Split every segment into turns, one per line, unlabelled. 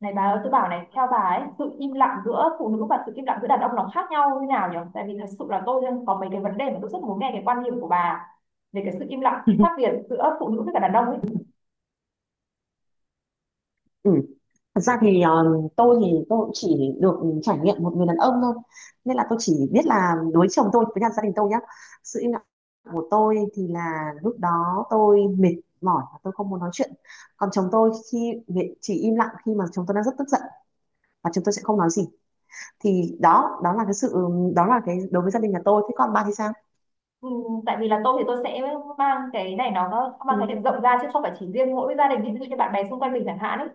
Này bà ơi, tôi bảo này, theo bà ấy, sự im lặng giữa phụ nữ và sự im lặng giữa đàn ông nó khác nhau như nào nhỉ? Tại vì thật sự là tôi có mấy cái vấn đề mà tôi rất muốn nghe cái quan điểm của bà về cái sự im lặng khác
Ừ.
biệt giữa phụ nữ với cả đàn ông ấy.
Thật ra thì tôi cũng chỉ được trải nghiệm một người đàn ông thôi, nên là tôi chỉ biết là đối chồng tôi với cả gia đình tôi nhá. Sự im lặng của tôi thì là lúc đó tôi mệt mỏi và tôi không muốn nói chuyện. Còn chồng tôi khi chỉ im lặng khi mà chồng tôi đang rất tức giận và chồng tôi sẽ không nói gì. Thì đó đó là cái sự, đó là cái đối với gia đình nhà tôi. Thế còn bà thì sao?
Ừ, tại vì là tôi thì tôi sẽ mang cái này nó mang khái
Ừ,
niệm rộng ra, chứ không phải chỉ riêng mỗi gia đình, ví dụ như bạn bè xung quanh mình chẳng hạn ấy,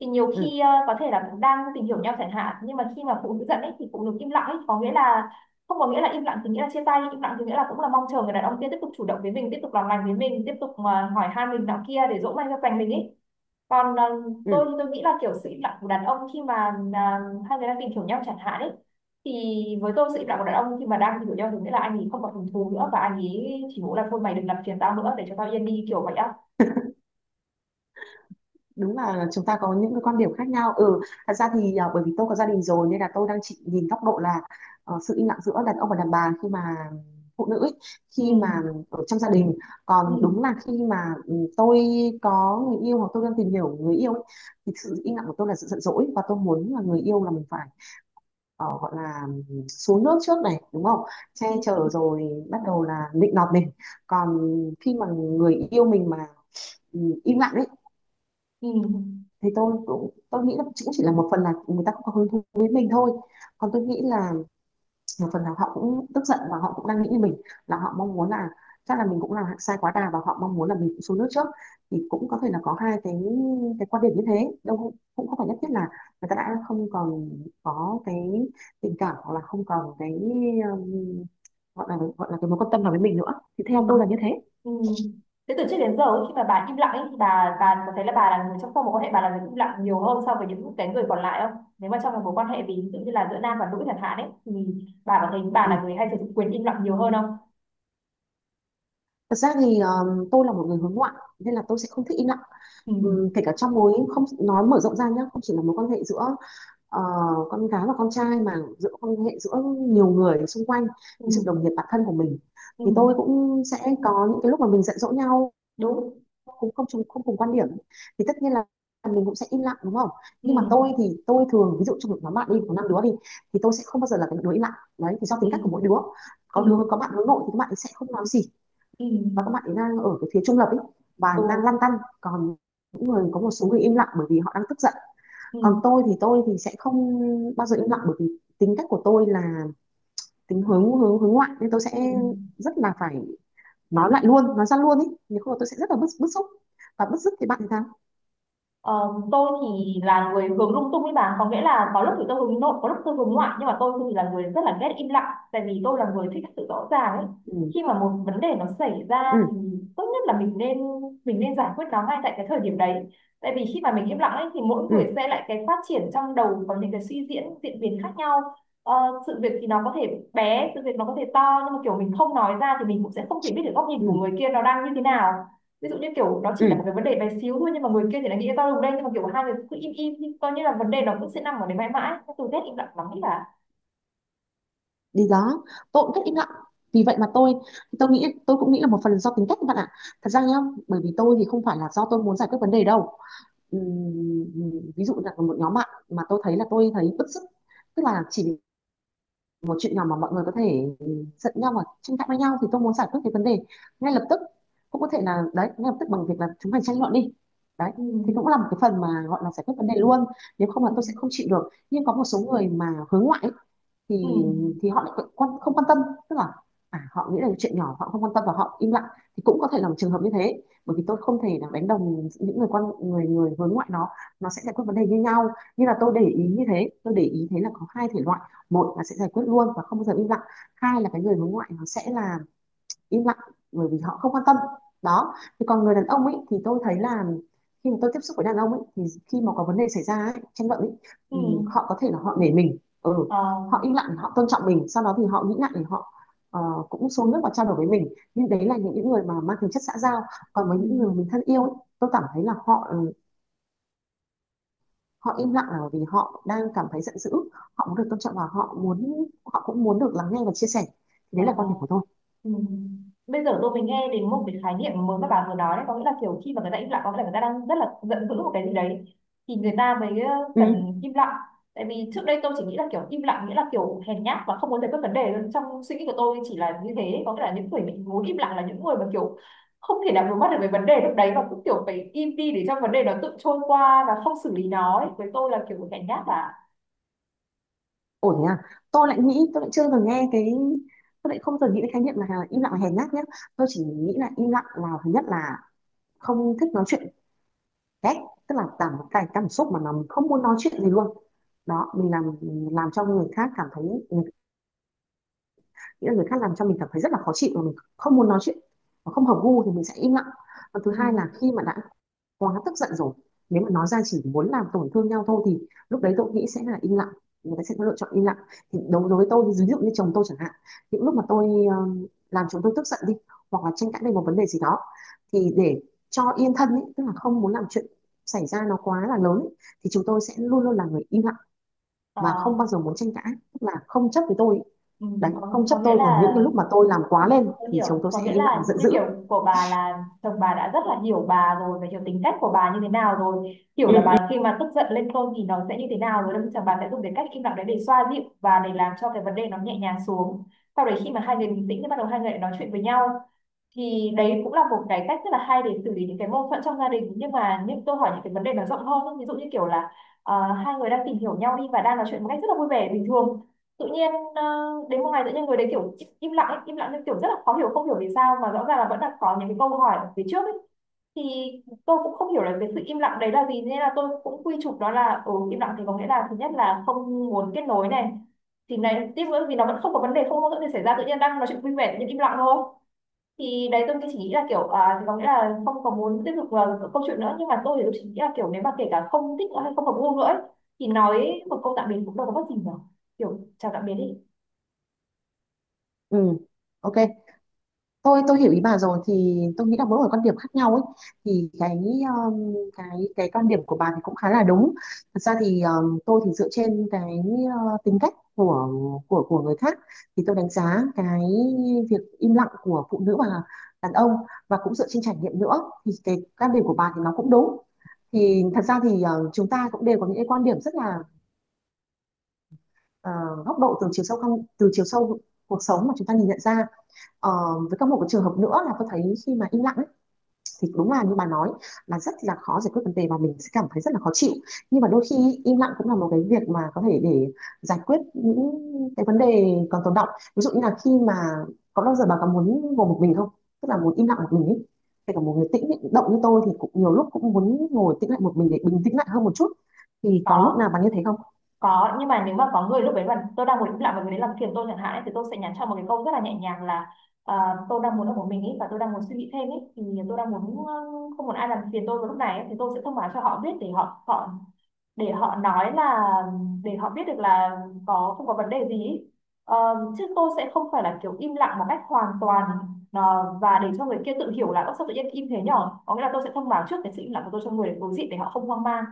thì nhiều
ừ,
khi có thể là cũng đang tìm hiểu nhau chẳng hạn, nhưng mà khi mà phụ nữ giận ấy thì phụ nữ im lặng ấy có nghĩa là không có nghĩa là im lặng thì nghĩa là chia tay, im lặng thì nghĩa là cũng là mong chờ người đàn ông kia tiếp tục chủ động với mình, tiếp tục làm lành với mình, tiếp tục mà hỏi han mình nọ kia để dỗ dành cho dành mình ấy. Còn
ừ,
tôi nghĩ là kiểu sự im lặng của đàn ông khi mà à, hai người đang tìm hiểu nhau chẳng hạn ấy, thì với tôi sự im lặng của đàn ông khi mà đang tìm hiểu nhau thì nghĩa là anh ấy không còn hứng thú nữa, và anh ấy chỉ muốn là thôi mày đừng làm phiền tao nữa, để cho tao yên đi, kiểu vậy á.
đúng là chúng ta có những cái quan điểm khác nhau. Ừ, thật ra thì bởi vì tôi có gia đình rồi nên là tôi đang chỉ nhìn góc độ là sự im lặng giữa đàn ông và đàn bà khi mà phụ nữ ấy,
Ừ.
khi mà ở trong gia đình. Còn
Ừ.
đúng là khi mà tôi có người yêu hoặc tôi đang tìm hiểu người yêu ấy, thì sự im lặng của tôi là sự giận dỗi và tôi muốn là người yêu là mình phải gọi là, xuống nước trước này, đúng không? Che
Ừ.
chở rồi bắt đầu là nịnh nọt mình. Còn khi mà người yêu mình mà im lặng ấy,
Ừ.
thì tôi nghĩ là cũng chỉ là một phần là người ta không có hứng thú với mình thôi. Còn tôi nghĩ là một phần là họ cũng tức giận và họ cũng đang nghĩ như mình, là họ mong muốn là chắc là mình cũng làm sai quá đà và họ mong muốn là mình cũng xuống nước trước. Thì cũng có thể là có hai cái quan điểm như thế, đâu cũng không phải nhất thiết là người ta đã không còn có cái tình cảm, hoặc là không còn cái um, gọi là, cái mối quan tâm nào với mình nữa. Thì
Ừ.
theo tôi là như thế.
Ừ. Thế từ trước đến giờ ấy, khi mà bà im lặng ấy, thì bà có thấy là bà là người trong các mối quan hệ, bà là người im lặng nhiều hơn so với những cái người còn lại không? Nếu mà trong một mối quan hệ, ví dụ như là giữa nam và nữ chẳng hạn ấy, thì bà có thấy bà là
Ừ.
người hay sử dụng quyền im lặng nhiều hơn không?
Thật ra thì tôi là một người hướng ngoại nên là tôi sẽ không thích im lặng.
Ừ.
Kể cả trong mối không nói mở rộng ra nhé, không chỉ là mối quan hệ giữa ờ, con gái và con trai mà giữa quan hệ giữa nhiều người xung quanh, ví dụ
Ừ.
đồng nghiệp, bạn thân của mình,
Ừ,
thì tôi cũng sẽ có những cái lúc mà mình giận dỗ nhau,
đúng.
cũng không cùng quan điểm, thì tất nhiên là mình cũng sẽ im lặng, đúng không? Nhưng mà
Ừ.
tôi thì tôi thường ví dụ trong một nhóm bạn đi, có năm đứa đi, thì tôi sẽ không bao giờ là cái đứa im lặng đấy, thì do tính
Ừ.
cách của mỗi đứa.
Ừ.
Có bạn hướng nội thì các bạn sẽ không nói gì,
Ừ.
và các bạn ấy đang ở cái phía trung lập ấy, và đang lăn
Ừ.
tăn. Còn những người có một số người im lặng bởi vì họ đang tức giận. Còn
Ừ.
tôi thì sẽ không bao giờ im lặng bởi vì tính cách của tôi là tính hướng hướng hướng ngoại, nên tôi sẽ
Ừ.
rất là phải nói lại luôn, nói ra luôn ấy, nếu không là tôi sẽ rất là bức bức xúc. Và bức xúc thì bạn thì sao?
Ờ, tôi thì là người hướng lung tung ấy bà, có nghĩa là có lúc thì tôi hướng nội, có lúc tôi hướng ngoại, nhưng mà tôi thì là người rất là ghét im lặng, tại vì tôi là người thích sự rõ ràng ấy. Khi
Ừ,
mà một vấn đề nó xảy ra thì
ừ,
tốt nhất là mình nên giải quyết nó ngay tại cái thời điểm đấy, tại vì khi mà mình im lặng ấy thì mỗi
ừ,
người sẽ lại cái phát triển trong đầu có những cái suy diễn, diễn biến khác nhau. Sự việc thì nó có thể bé, sự việc nó có thể to, nhưng mà kiểu mình không nói ra thì mình cũng sẽ không thể biết được góc nhìn của người
ừ,
kia nó đang như thế nào. Ví dụ như kiểu nó chỉ là một
ừ,
cái vấn đề bé xíu thôi, nhưng mà người kia thì lại nghĩ tao đồng đây, nhưng mà kiểu hai người cứ im im nhưng coi như là vấn đề nó cũng sẽ nằm ở đấy mãi mãi. Cái từ ghét im lặng lắm ấy là...
đi đó. Tôi cũng rất im lặng, vì vậy mà tôi nghĩ, tôi cũng nghĩ là một phần do tính cách các bạn ạ. Thật ra nhá, bởi vì tôi thì không phải là do tôi muốn giải quyết vấn đề đâu. Ví dụ là một nhóm bạn mà tôi thấy bứt rứt, tức là chỉ một chuyện nhỏ mà mọi người có thể giận nhau và tranh cãi với nhau, thì tôi muốn giải quyết cái vấn đề ngay lập tức. Cũng có thể là đấy, ngay lập tức bằng việc là chúng mình tranh luận đi, đấy,
Ừ.
thì cũng là một cái phần mà gọi là giải quyết vấn đề luôn, nếu
Ừ.
không là tôi sẽ không chịu được. Nhưng có một số người mà hướng ngoại ấy,
Ừ.
thì thì họ lại không quan tâm, tức là họ nghĩ là chuyện nhỏ họ không quan tâm và họ im lặng. Thì cũng có thể là một trường hợp như thế, bởi vì tôi không thể là đánh đồng những người người người hướng ngoại nó sẽ giải quyết vấn đề như nhau. Như là tôi để ý như thế, tôi để ý thấy là có hai thể loại. Một là sẽ giải quyết luôn và không bao giờ im lặng. Hai là cái người hướng ngoại nó sẽ là im lặng bởi vì họ không quan tâm. Đó. Thì còn người đàn ông ấy thì tôi thấy là khi mà tôi tiếp xúc với đàn ông ấy thì khi mà có vấn đề xảy ra ấy, tranh luận ấy,
Ừ.
họ có thể là họ nể mình, ừ,
Ờ.
họ im lặng, họ tôn trọng mình. Sau đó thì họ nghĩ lại thì họ ờ, cũng xuống nước và trao đổi với mình. Nhưng đấy là những người mà mang tính chất xã giao. Còn với
Ừ.
những người mà mình thân yêu ấy, tôi cảm thấy là họ họ im lặng là bởi vì họ đang cảm thấy giận dữ, họ muốn được tôn trọng, và họ muốn, họ cũng muốn được lắng nghe và chia sẻ. Thì
Ờ.
đấy là quan điểm của tôi.
Ừ. Bây giờ tôi mới nghe đến một cái khái niệm mới mà bà vừa nói đấy, có nghĩa là kiểu khi mà người ta im lặng có nghĩa là người ta đang rất là giận dữ một cái gì đấy thì người ta mới
Ừ,
cần im lặng. Tại vì trước đây tôi chỉ nghĩ là kiểu im lặng nghĩa là kiểu hèn nhát và không muốn giải quyết vấn đề, trong suy nghĩ của tôi chỉ là như thế, có nghĩa là những người mình muốn im lặng là những người mà kiểu không thể nào đối mặt được với vấn đề lúc đấy, và cũng kiểu phải im đi để cho vấn đề nó tự trôi qua và không xử lý nó ấy. Với tôi là kiểu hèn nhát và
ổn thế à? Tôi lại nghĩ tôi lại chưa từng nghe cái Tôi lại không từng nghĩ cái khái niệm là im lặng là hèn nhát nhé. Tôi chỉ nghĩ là im lặng là, thứ nhất là không thích nói chuyện, ghét, tức là cái cảm xúc mà nó không muốn nói chuyện gì luôn. Đó, mình làm cho người khác cảm thấy, mình- nghĩa là người khác làm cho mình cảm thấy rất là khó chịu và mình không muốn nói chuyện và không hợp gu thì mình sẽ im lặng. Và thứ hai
ừ,
là khi mà đã quá tức giận rồi, nếu mà nói ra chỉ muốn làm tổn thương nhau thôi thì lúc đấy tôi nghĩ sẽ là im lặng, người ta sẽ có lựa chọn im lặng. Thì đối đối với tôi, ví dụ như chồng tôi chẳng hạn, những lúc mà tôi làm chồng tôi tức giận đi, hoặc là tranh cãi về một vấn đề gì đó, thì để cho yên thân ấy, tức là không muốn làm chuyện xảy ra nó quá là lớn ấy, thì chúng tôi sẽ luôn luôn là người im lặng
ờ,
và không bao giờ muốn tranh cãi, tức là không chấp với tôi ấy.
ừ,
Đấy,
có,
không
có
chấp
Nghĩa
tôi. Còn những
là...
cái lúc mà tôi làm
Ừ,
quá lên
tôi
thì
hiểu,
chúng tôi
có
sẽ
nghĩa
im lặng và
là
giận
như
dữ.
kiểu của bà là chồng bà đã rất là hiểu bà rồi, và hiểu tính cách của bà như thế nào rồi, hiểu
Ừ.
là bà khi mà tức giận lên cơn thì nó sẽ như thế nào rồi, đâm chồng bà sẽ dùng cái cách im lặng đấy để xoa dịu và để làm cho cái vấn đề nó nhẹ nhàng xuống. Sau đấy khi mà hai người bình tĩnh thì bắt đầu hai người lại nói chuyện với nhau, thì đấy cũng là một cái cách rất là hay để xử lý những cái mâu thuẫn trong gia đình. Nhưng mà những tôi hỏi những cái vấn đề nó rộng hơn ấy. Ví dụ như kiểu là hai người đang tìm hiểu nhau đi, và đang nói chuyện một cách rất là vui vẻ bình thường, tự nhiên đến một ngày tự nhiên người đấy kiểu im im lặng ấy, im lặng nhưng kiểu rất là khó hiểu, không hiểu vì sao mà rõ ràng là vẫn là có những cái câu hỏi ở phía trước ấy, thì tôi cũng không hiểu là cái sự im lặng đấy là gì, nên là tôi cũng quy chụp đó là im lặng thì có nghĩa là thứ nhất là không muốn kết nối này, thì này tiếp nữa, vì nó vẫn không có vấn đề, không có mâu thuẫn gì xảy ra, tự nhiên đang nói chuyện vui vẻ tự nhiên im lặng thôi, thì đấy tôi chỉ nghĩ là kiểu thì có nghĩa là không có muốn tiếp tục vào câu chuyện nữa. Nhưng mà tôi thì tôi chỉ nghĩ là kiểu nếu mà kể cả không thích nữa hay không hợp gu nữa ấy, thì nói một câu tạm biệt cũng đâu có mất gì nhở, kiểu chào tạm biệt đi.
Ừ. OK, tôi hiểu ý bà rồi, thì tôi nghĩ là mỗi người quan điểm khác nhau ấy. Thì cái cái quan điểm của bà thì cũng khá là đúng. Thật ra thì tôi thì dựa trên cái tính cách của của người khác, thì tôi đánh giá cái việc im lặng của phụ nữ và đàn ông, và cũng dựa trên trải nghiệm nữa, thì cái quan điểm của bà thì nó cũng đúng. Thì thật ra thì chúng ta cũng đều có những cái quan điểm rất là góc độ từ chiều sâu, không, từ chiều sâu cuộc sống mà chúng ta nhìn nhận ra. Ờ, với các một cái trường hợp nữa là tôi thấy khi mà im lặng thì đúng là như bà nói là rất là khó giải quyết vấn đề và mình sẽ cảm thấy rất là khó chịu, nhưng mà đôi khi im lặng cũng là một cái việc mà có thể để giải quyết những cái vấn đề còn tồn đọng. Ví dụ như là khi mà có bao giờ bà có muốn ngồi một mình không, tức là muốn im lặng một mình ấy? Kể cả một người tĩnh động như tôi thì cũng nhiều lúc cũng muốn ngồi tĩnh lại một mình để bình tĩnh lại hơn một chút, thì có lúc
có
nào bà như thế không?
có, nhưng mà nếu mà có người lúc đấy mà tôi đang muốn im lặng và người đấy làm phiền tôi chẳng hạn ấy, thì tôi sẽ nhắn cho một cái câu rất là nhẹ nhàng là tôi đang muốn ở một mình ấy, và tôi đang muốn suy nghĩ thêm ấy, thì tôi đang muốn không muốn ai làm phiền tôi vào lúc này ấy, thì tôi sẽ thông báo cho họ biết để họ họ để họ nói là, để họ biết được là có không có vấn đề gì ý. Ờ, chứ tôi sẽ không phải là kiểu im lặng một cách hoàn toàn, và để cho người kia tự hiểu là "Ơ, sao tự nhiên im thế nhở?" Có nghĩa là tôi sẽ thông báo trước cái sự im lặng của tôi cho người đối diện để họ không hoang mang.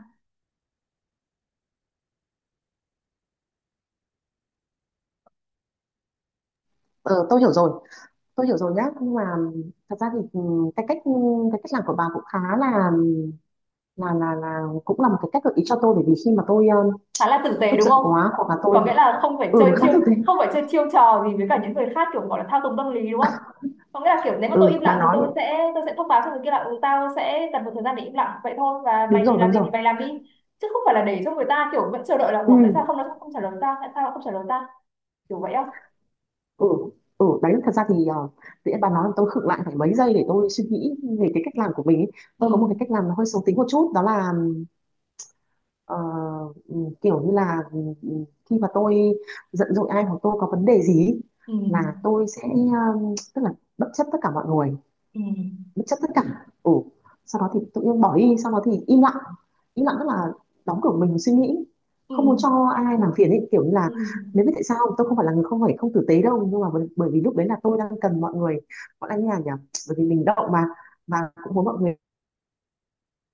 Ờ, tôi hiểu rồi, tôi hiểu rồi nhá, nhưng mà thật ra thì cái cách cái cách làm của bà cũng khá là, cũng là một cái cách gợi ý cho tôi, bởi vì khi mà tôi
Khá là tử tế,
tức
đúng
giận
không?
quá, hoặc là tôi.
Có nghĩa là
Ừ, khác thực thế.
không phải chơi chiêu trò gì với cả những người khác, kiểu gọi là thao túng tâm lý, đúng không? Có nghĩa là kiểu nếu mà tôi im
Ừ, bà
lặng thì
nói
tôi sẽ thông báo cho người kia là tao sẽ cần một thời gian để im lặng vậy thôi, và mày
đúng rồi,
làm
đúng
gì
rồi.
thì mày làm đi, chứ không phải là để cho người ta kiểu vẫn chờ đợi là
Ừ,
ủa tại sao không nó không trả lời ta, tại sao nó không trả lời ta, kiểu vậy không?
ừ, ừ, đấy thật ra thì uh, tự nhiên bà nói tôi khựng lại phải mấy giây để tôi suy nghĩ về cái cách làm của mình ấy.
Ừ.
Tôi có một cái cách làm nó hơi xấu tính một chút, đó là ờ, ừ, kiểu như là khi mà tôi giận dỗi ai hoặc tôi có vấn đề gì ấy, là
Ừ.
tôi sẽ tức là bất chấp tất cả mọi người,
Ừ.
bất chấp tất cả. Ừ, sau đó thì tự nhiên bỏ đi, sau đó thì im lặng. Im lặng tức là đóng cửa mình suy nghĩ, không muốn
Ừ.
cho ai làm phiền ấy, kiểu như là
Ừ.
nếu biết tại sao tôi không phải là người không phải không tử tế đâu, nhưng mà bởi vì lúc đấy là tôi đang cần mọi người, mọi anh nhà nhỉ, bởi vì mình động mà, và cũng muốn mọi người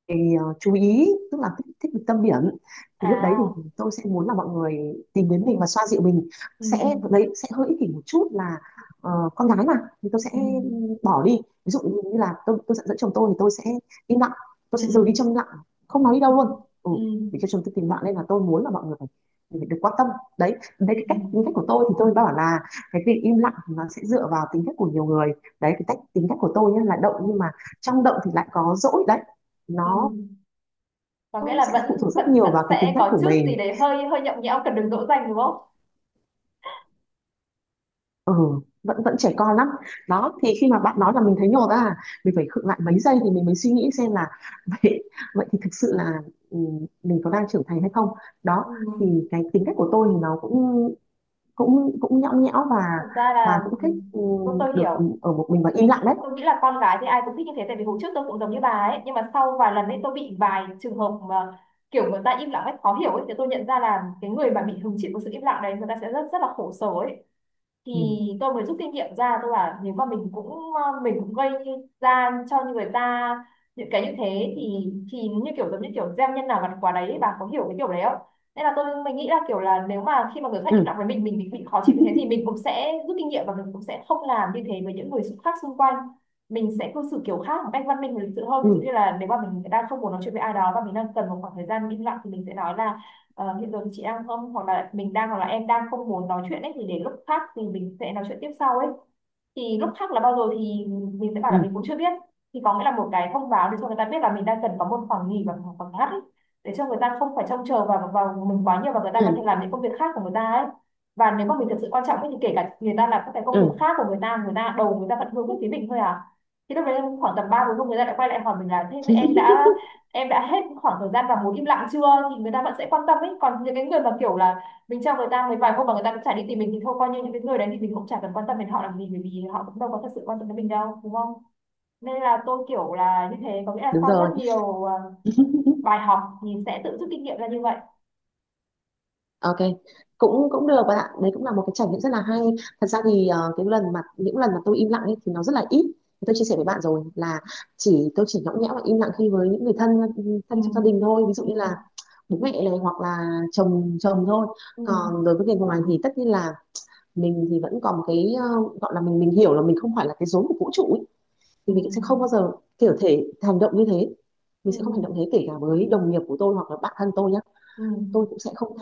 thì, chú ý, tức là thích được tâm điểm. Thì lúc đấy thì
À.
tôi sẽ muốn là mọi người tìm đến mình và xoa dịu mình.
Ừ.
Sẽ đấy, sẽ hơi ích kỷ một chút là con gái mà. Thì tôi
Ừ.
sẽ bỏ đi. Ví dụ như là tôi giận dỗi chồng tôi thì tôi sẽ im lặng, tôi sẽ rời đi trong
Ừ.
im lặng, không nói đi
Ừ.
đâu luôn. ừ,
Ừ.
để cho chồng tôi tìm bạn, nên là tôi muốn là mọi người phải được quan tâm. Đấy, đấy
Ừ.
cái cách tính cách của tôi, thì tôi bảo là cái việc im lặng thì nó sẽ dựa vào tính cách của nhiều người. Đấy cái cách tính cách của tôi nhé, là động, nhưng mà trong động thì lại có dỗi đấy,
Ừ.
nó
Có nghĩa
cũng
là
sẽ
vẫn
phụ thuộc
vẫn
rất nhiều
vẫn
vào cái tính
sẽ
cách
có
của
chút gì
mình.
đấy hơi hơi nhõng nhẽo, cần được dỗ dành đúng không?
Ừ, vẫn vẫn trẻ con lắm. Đó, thì khi mà bạn nói là mình thấy nhột à, mình phải khựng lại mấy giây thì mình mới suy nghĩ xem là vậy, vậy thì thực sự là ừ, mình có đang trưởng thành hay không. Đó,
Ừ.
thì cái tính cách của tôi thì nó cũng cũng cũng nhõng nhẽo,
Thật ra
và
là
cũng thích
tôi
được
hiểu.
ở một mình và im lặng đấy.
Tôi nghĩ là con gái thì ai cũng thích như thế, tại vì hồi trước tôi cũng giống như bà ấy, nhưng mà sau vài lần ấy tôi bị vài trường hợp mà kiểu người ta im lặng ấy, khó hiểu ấy, thì tôi nhận ra là cái người mà bị hứng chịu của sự im lặng đấy, người ta sẽ rất rất là khổ sở ấy. Thì
Ừ,
tôi mới rút kinh nghiệm ra, tôi bảo nếu mà mình cũng mình cũng gây ra cho người ta những cái như thế thì như kiểu, giống như kiểu gieo nhân nào gặt quả đấy, bà có hiểu cái kiểu đấy không? Nên là mình nghĩ là kiểu là nếu mà khi mà người khác
ừ,
im lặng với mình bị khó chịu như thế thì mình cũng sẽ rút kinh nghiệm và mình cũng sẽ không làm như thế với những người khác xung quanh. Mình sẽ cư xử kiểu khác một cách văn minh và lịch sự hơn.
ừ,
Ví dụ như là nếu mà mình đang không muốn nói chuyện với ai đó và mình đang cần một khoảng thời gian im lặng thì mình sẽ nói là hiện giờ thì chị đang không hoặc là mình đang hoặc là em đang không muốn nói chuyện ấy thì để lúc khác thì mình sẽ nói chuyện tiếp sau ấy. Thì lúc khác là bao giờ thì mình sẽ bảo
ừ,
là mình cũng chưa biết. Thì có nghĩa là một cái thông báo để cho người ta biết là mình đang cần có một khoảng nghỉ và một khoảng ngắt ấy, để cho người ta không phải trông chờ vào vào mình quá nhiều và người ta có thể
ừ,
làm những công việc khác của người ta ấy. Và nếu mà mình thực sự quan trọng ấy, thì kể cả người ta làm các cái công việc
ừ.
khác của người ta, người ta đầu người ta vẫn hướng về phía mình thôi à. Thì lúc đấy khoảng tầm ba bốn hôm người ta lại quay lại hỏi mình là thế em đã hết khoảng thời gian vào muốn im lặng chưa. Thì người ta vẫn sẽ quan tâm ấy, còn những cái người mà kiểu là mình cho người ta mấy vài hôm mà người ta cũng chả đi tìm mình thì thôi, coi như những cái người đấy thì mình cũng chả cần quan tâm đến họ làm gì, bởi vì họ cũng đâu có thật sự quan tâm đến mình đâu, đúng không? Nên là tôi kiểu là như thế, có nghĩa là
Đúng
sau
rồi.
rất nhiều bài học thì sẽ tự rút kinh nghiệm ra như vậy.
Ok, cũng cũng được bạn ạ. Đấy cũng là một cái trải nghiệm rất là hay. Thật ra thì cái lần mà những lần mà tôi im lặng ấy thì nó rất là ít. Thì tôi chia sẻ với bạn rồi là tôi chỉ nhõng nhẽo và im lặng khi với những người thân,
Ừ.
thân trong gia đình thôi. Ví
Ừ.
dụ như là bố mẹ này, hoặc là chồng chồng thôi.
Ừ.
Còn đối với người ngoài thì tất nhiên là mình thì vẫn còn một cái gọi là mình hiểu là mình không phải là cái rốn của vũ trụ ấy.
Ừ.
Thì mình sẽ không bao giờ kiểu thể hành động như thế. Mình
Ừ.
sẽ không hành động thế kể cả với đồng nghiệp của tôi hoặc là bạn thân tôi nhé.
Ừ.
Tôi cũng sẽ không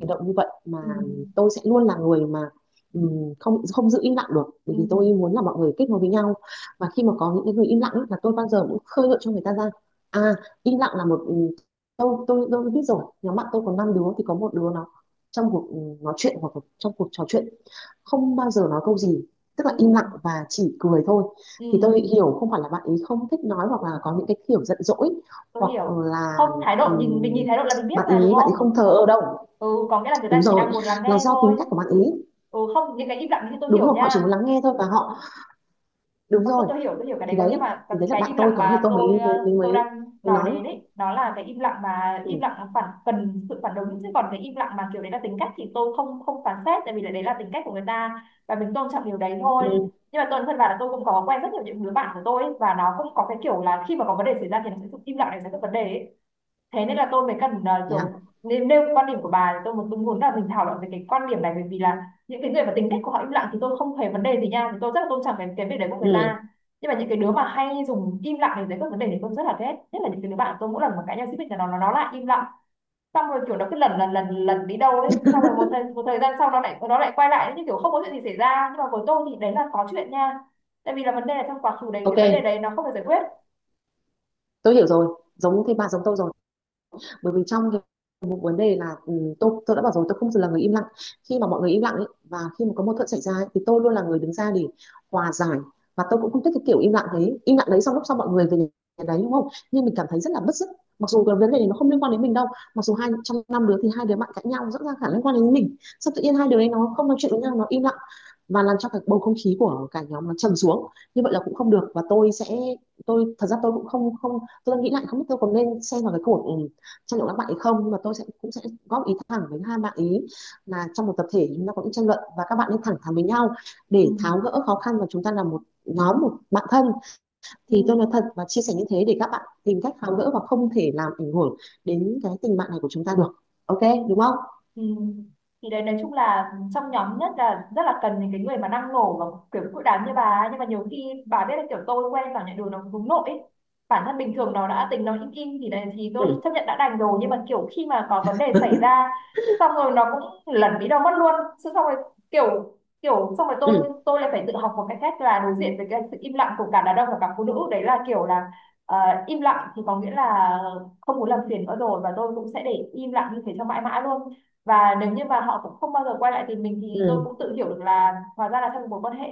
hành động như vậy, mà
Ừ.
tôi sẽ luôn là người mà không không giữ im lặng được, bởi
Ừ.
vì
Ừ.
tôi muốn là mọi người kết nối với nhau. Và khi mà có những cái người im lặng ấy, là tôi bao giờ cũng khơi gợi cho người ta ra. À, im lặng là một tôi biết rồi, nhóm bạn tôi có năm đứa, thì có một đứa nó trong cuộc nói chuyện hoặc trong cuộc trò chuyện không bao giờ nói câu gì, tức là
Ừ.
im lặng và chỉ cười thôi. Thì
Ừ.
tôi hiểu không phải là bạn ấy không thích nói, hoặc là có những cái kiểu giận dỗi,
Tôi
hoặc
hiểu. Không,
là
thái độ nhìn mình,
ừm,
nhìn thái độ là mình biết
bạn
mà, đúng
ý bạn
không?
ấy không thờ ơ đâu.
Ừ, có nghĩa là người
Đúng
ta chỉ đang
rồi,
muốn lắng
là
nghe
do
thôi.
tính cách của bạn ấy.
Ừ, không, những cái im lặng thì tôi
Đúng
hiểu
rồi, họ chỉ muốn
nha.
lắng nghe thôi, và họ đúng
tôi, tôi,
rồi,
tôi hiểu, tôi hiểu cái đấy
thì
có, nhưng
đấy,
mà cái,
thì đấy là
cái
bạn
im
tôi
lặng
có, thì
mà
tôi mới
tôi
mới mới
tôi
mới,
đang
mới
nói
nói.
đến ấy nó là cái im lặng mà im
Ừ,
lặng phản cần sự phản ứng, chứ còn cái im lặng mà kiểu đấy là tính cách thì tôi không không phán xét, tại vì là đấy là tính cách của người ta và mình tôn trọng điều đấy thôi.
ừ,
Nhưng mà tôi thân vào là tôi cũng có quen rất nhiều những đứa bạn của tôi ấy, và nó cũng có cái kiểu là khi mà có vấn đề xảy ra thì nó sẽ im lặng để giải quyết vấn đề ấy. Thế nên là tôi mới cần
thế à?
kiểu nên nêu quan điểm của bà, thì tôi muốn là mình thảo luận về cái quan điểm này, bởi vì là những cái người mà tính cách của họ im lặng thì tôi không hề vấn đề gì nha, thì tôi rất là tôn trọng cái việc đấy của người
Ừ,
ta. Nhưng mà những cái đứa mà hay dùng im lặng để giải quyết vấn đề thì tôi rất là ghét, nhất là những cái đứa bạn của tôi mỗi lần mà cãi nhau xích mích là nó lại im lặng, xong rồi kiểu nó cứ lần lần lần lần đi đâu đấy, xong rồi một thời gian sau nó lại quay lại như kiểu không có chuyện gì xảy ra, nhưng mà với tôi thì đấy là có chuyện nha, tại vì là vấn đề là trong quá khứ đấy cái
ok,
vấn đề đấy nó không được giải quyết.
tôi hiểu rồi. Giống thế, bà giống tôi rồi. Bởi vì trong cái một vấn đề là tôi đã bảo rồi, tôi không là người im lặng. Khi mà mọi người im lặng ấy, và khi mà có mâu thuẫn xảy ra ấy, thì tôi luôn là người đứng ra để hòa giải. Và tôi cũng không thích cái kiểu im lặng đấy xong lúc sau mọi người về nhà đấy, đúng không, nhưng mình cảm thấy rất là bứt rứt, mặc dù cái vấn đề này nó không liên quan đến mình đâu. Mặc dù hai trong năm đứa thì hai đứa bạn cãi nhau rõ ràng khả năng liên quan đến mình, xong tự nhiên hai đứa ấy nó không nói chuyện với nhau, nó im lặng, và làm cho cái bầu không khí của cả nhóm nó trầm xuống. Như vậy là cũng không được, và tôi sẽ tôi thật ra tôi cũng không không tôi đang nghĩ lại không biết tôi còn nên xem vào cái cuộc tranh luận các bạn ấy không, mà tôi sẽ cũng sẽ góp ý thẳng với hai bạn ý, là trong một tập thể chúng ta có những tranh luận, và các bạn nên thẳng thắn với nhau
Ừ.
để tháo gỡ khó khăn, và chúng ta là một nhóm, một bạn thân,
Ừ.
thì tôi nói thật và chia sẻ như thế để các bạn tìm cách tháo gỡ, và không thể làm ảnh hưởng đến cái tình bạn này của chúng ta được. Ok, đúng không?
Ừ. Thì đấy, nói chung là trong nhóm nhất là rất là cần những cái người mà năng nổ và kiểu cự đám như bà ấy. Nhưng mà nhiều khi bà biết là kiểu tôi quen vào nhận đường nó hướng nội ấy. Bản thân bình thường nó đã tính nó im im thì đấy thì tôi chấp
Ừ,
nhận đã đành rồi, nhưng mà kiểu khi mà có vấn đề xảy ra xong rồi nó cũng lẩn đi đâu mất luôn, xong rồi kiểu kiểu xong rồi
ừ,
tôi lại phải tự học một cái cách là đối diện với cái sự im lặng của cả đàn ông và cả phụ nữ. Đấy là kiểu là ờ, im lặng thì có nghĩa là không muốn làm phiền nữa rồi, và tôi cũng sẽ để im lặng như thế cho mãi mãi luôn. Và nếu như mà họ cũng không bao giờ quay lại tìm mình thì tôi
ừ,
cũng tự hiểu được là hóa ra là trong một mối quan hệ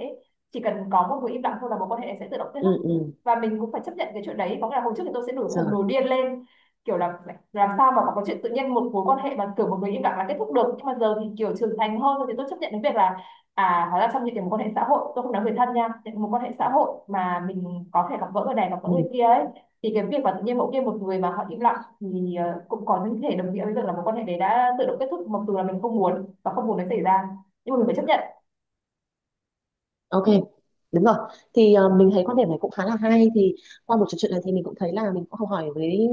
chỉ cần có một người im lặng thôi là mối quan hệ sẽ tự động kết
ừ,
thúc.
ừ,
Và mình cũng phải chấp nhận cái chuyện đấy, có nghĩa là hồi trước thì tôi sẽ nổi khùng
rồi,
nổi điên lên kiểu là làm sao mà có chuyện tự nhiên một mối quan hệ mà kiểu một người im lặng là kết thúc được. Nhưng mà giờ thì kiểu trưởng thành hơn rồi thì tôi chấp nhận cái việc là à, hóa ra trong những cái mối quan hệ xã hội, tôi không nói người thân nha, những mối quan hệ xã hội mà mình có thể gặp gỡ người này gặp gỡ người
ừ.
kia ấy, thì cái việc mà tự nhiên mỗi kia một người mà họ im lặng thì cũng có những thể đồng nghĩa với việc là mối quan hệ đấy đã tự động kết thúc, mặc dù là mình không muốn và không muốn nó xảy ra, nhưng mà mình phải chấp nhận.
Ok, đúng rồi. Thì mình thấy quan điểm này cũng khá là hay. Thì qua buổi trò chuyện này thì mình cũng thấy là mình cũng học hỏi với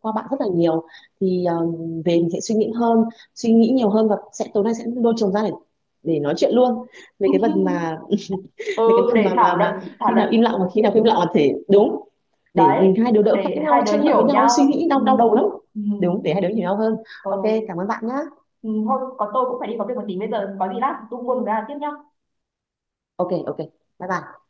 qua bạn rất là nhiều. Thì về mình sẽ suy nghĩ hơn, suy nghĩ nhiều hơn, và sẽ tối nay sẽ lôi chồng ra để nói chuyện luôn về cái phần mà về cái
Ừ,
phần
để
mà mà
thảo luận.
mà
Thảo
khi
luận
nào im lặng và khi nào không im lặng là thể đúng, để
đấy,
mình hai đứa đỡ cãi
để
nhau
hai
ấy,
đứa
tranh luận với
hiểu
nhau ấy, suy
nhau.
nghĩ
Ừ.
đau đau đầu lắm.
Ừ.
Đúng, để hai đứa hiểu nhau hơn. Ok,
Ừ.
cảm ơn bạn nhá.
Ừ. Thôi có tôi cũng phải đi có việc một tí, bây giờ có gì lát tung quân ra tiếp nhá.
Ok, ok, bye bye.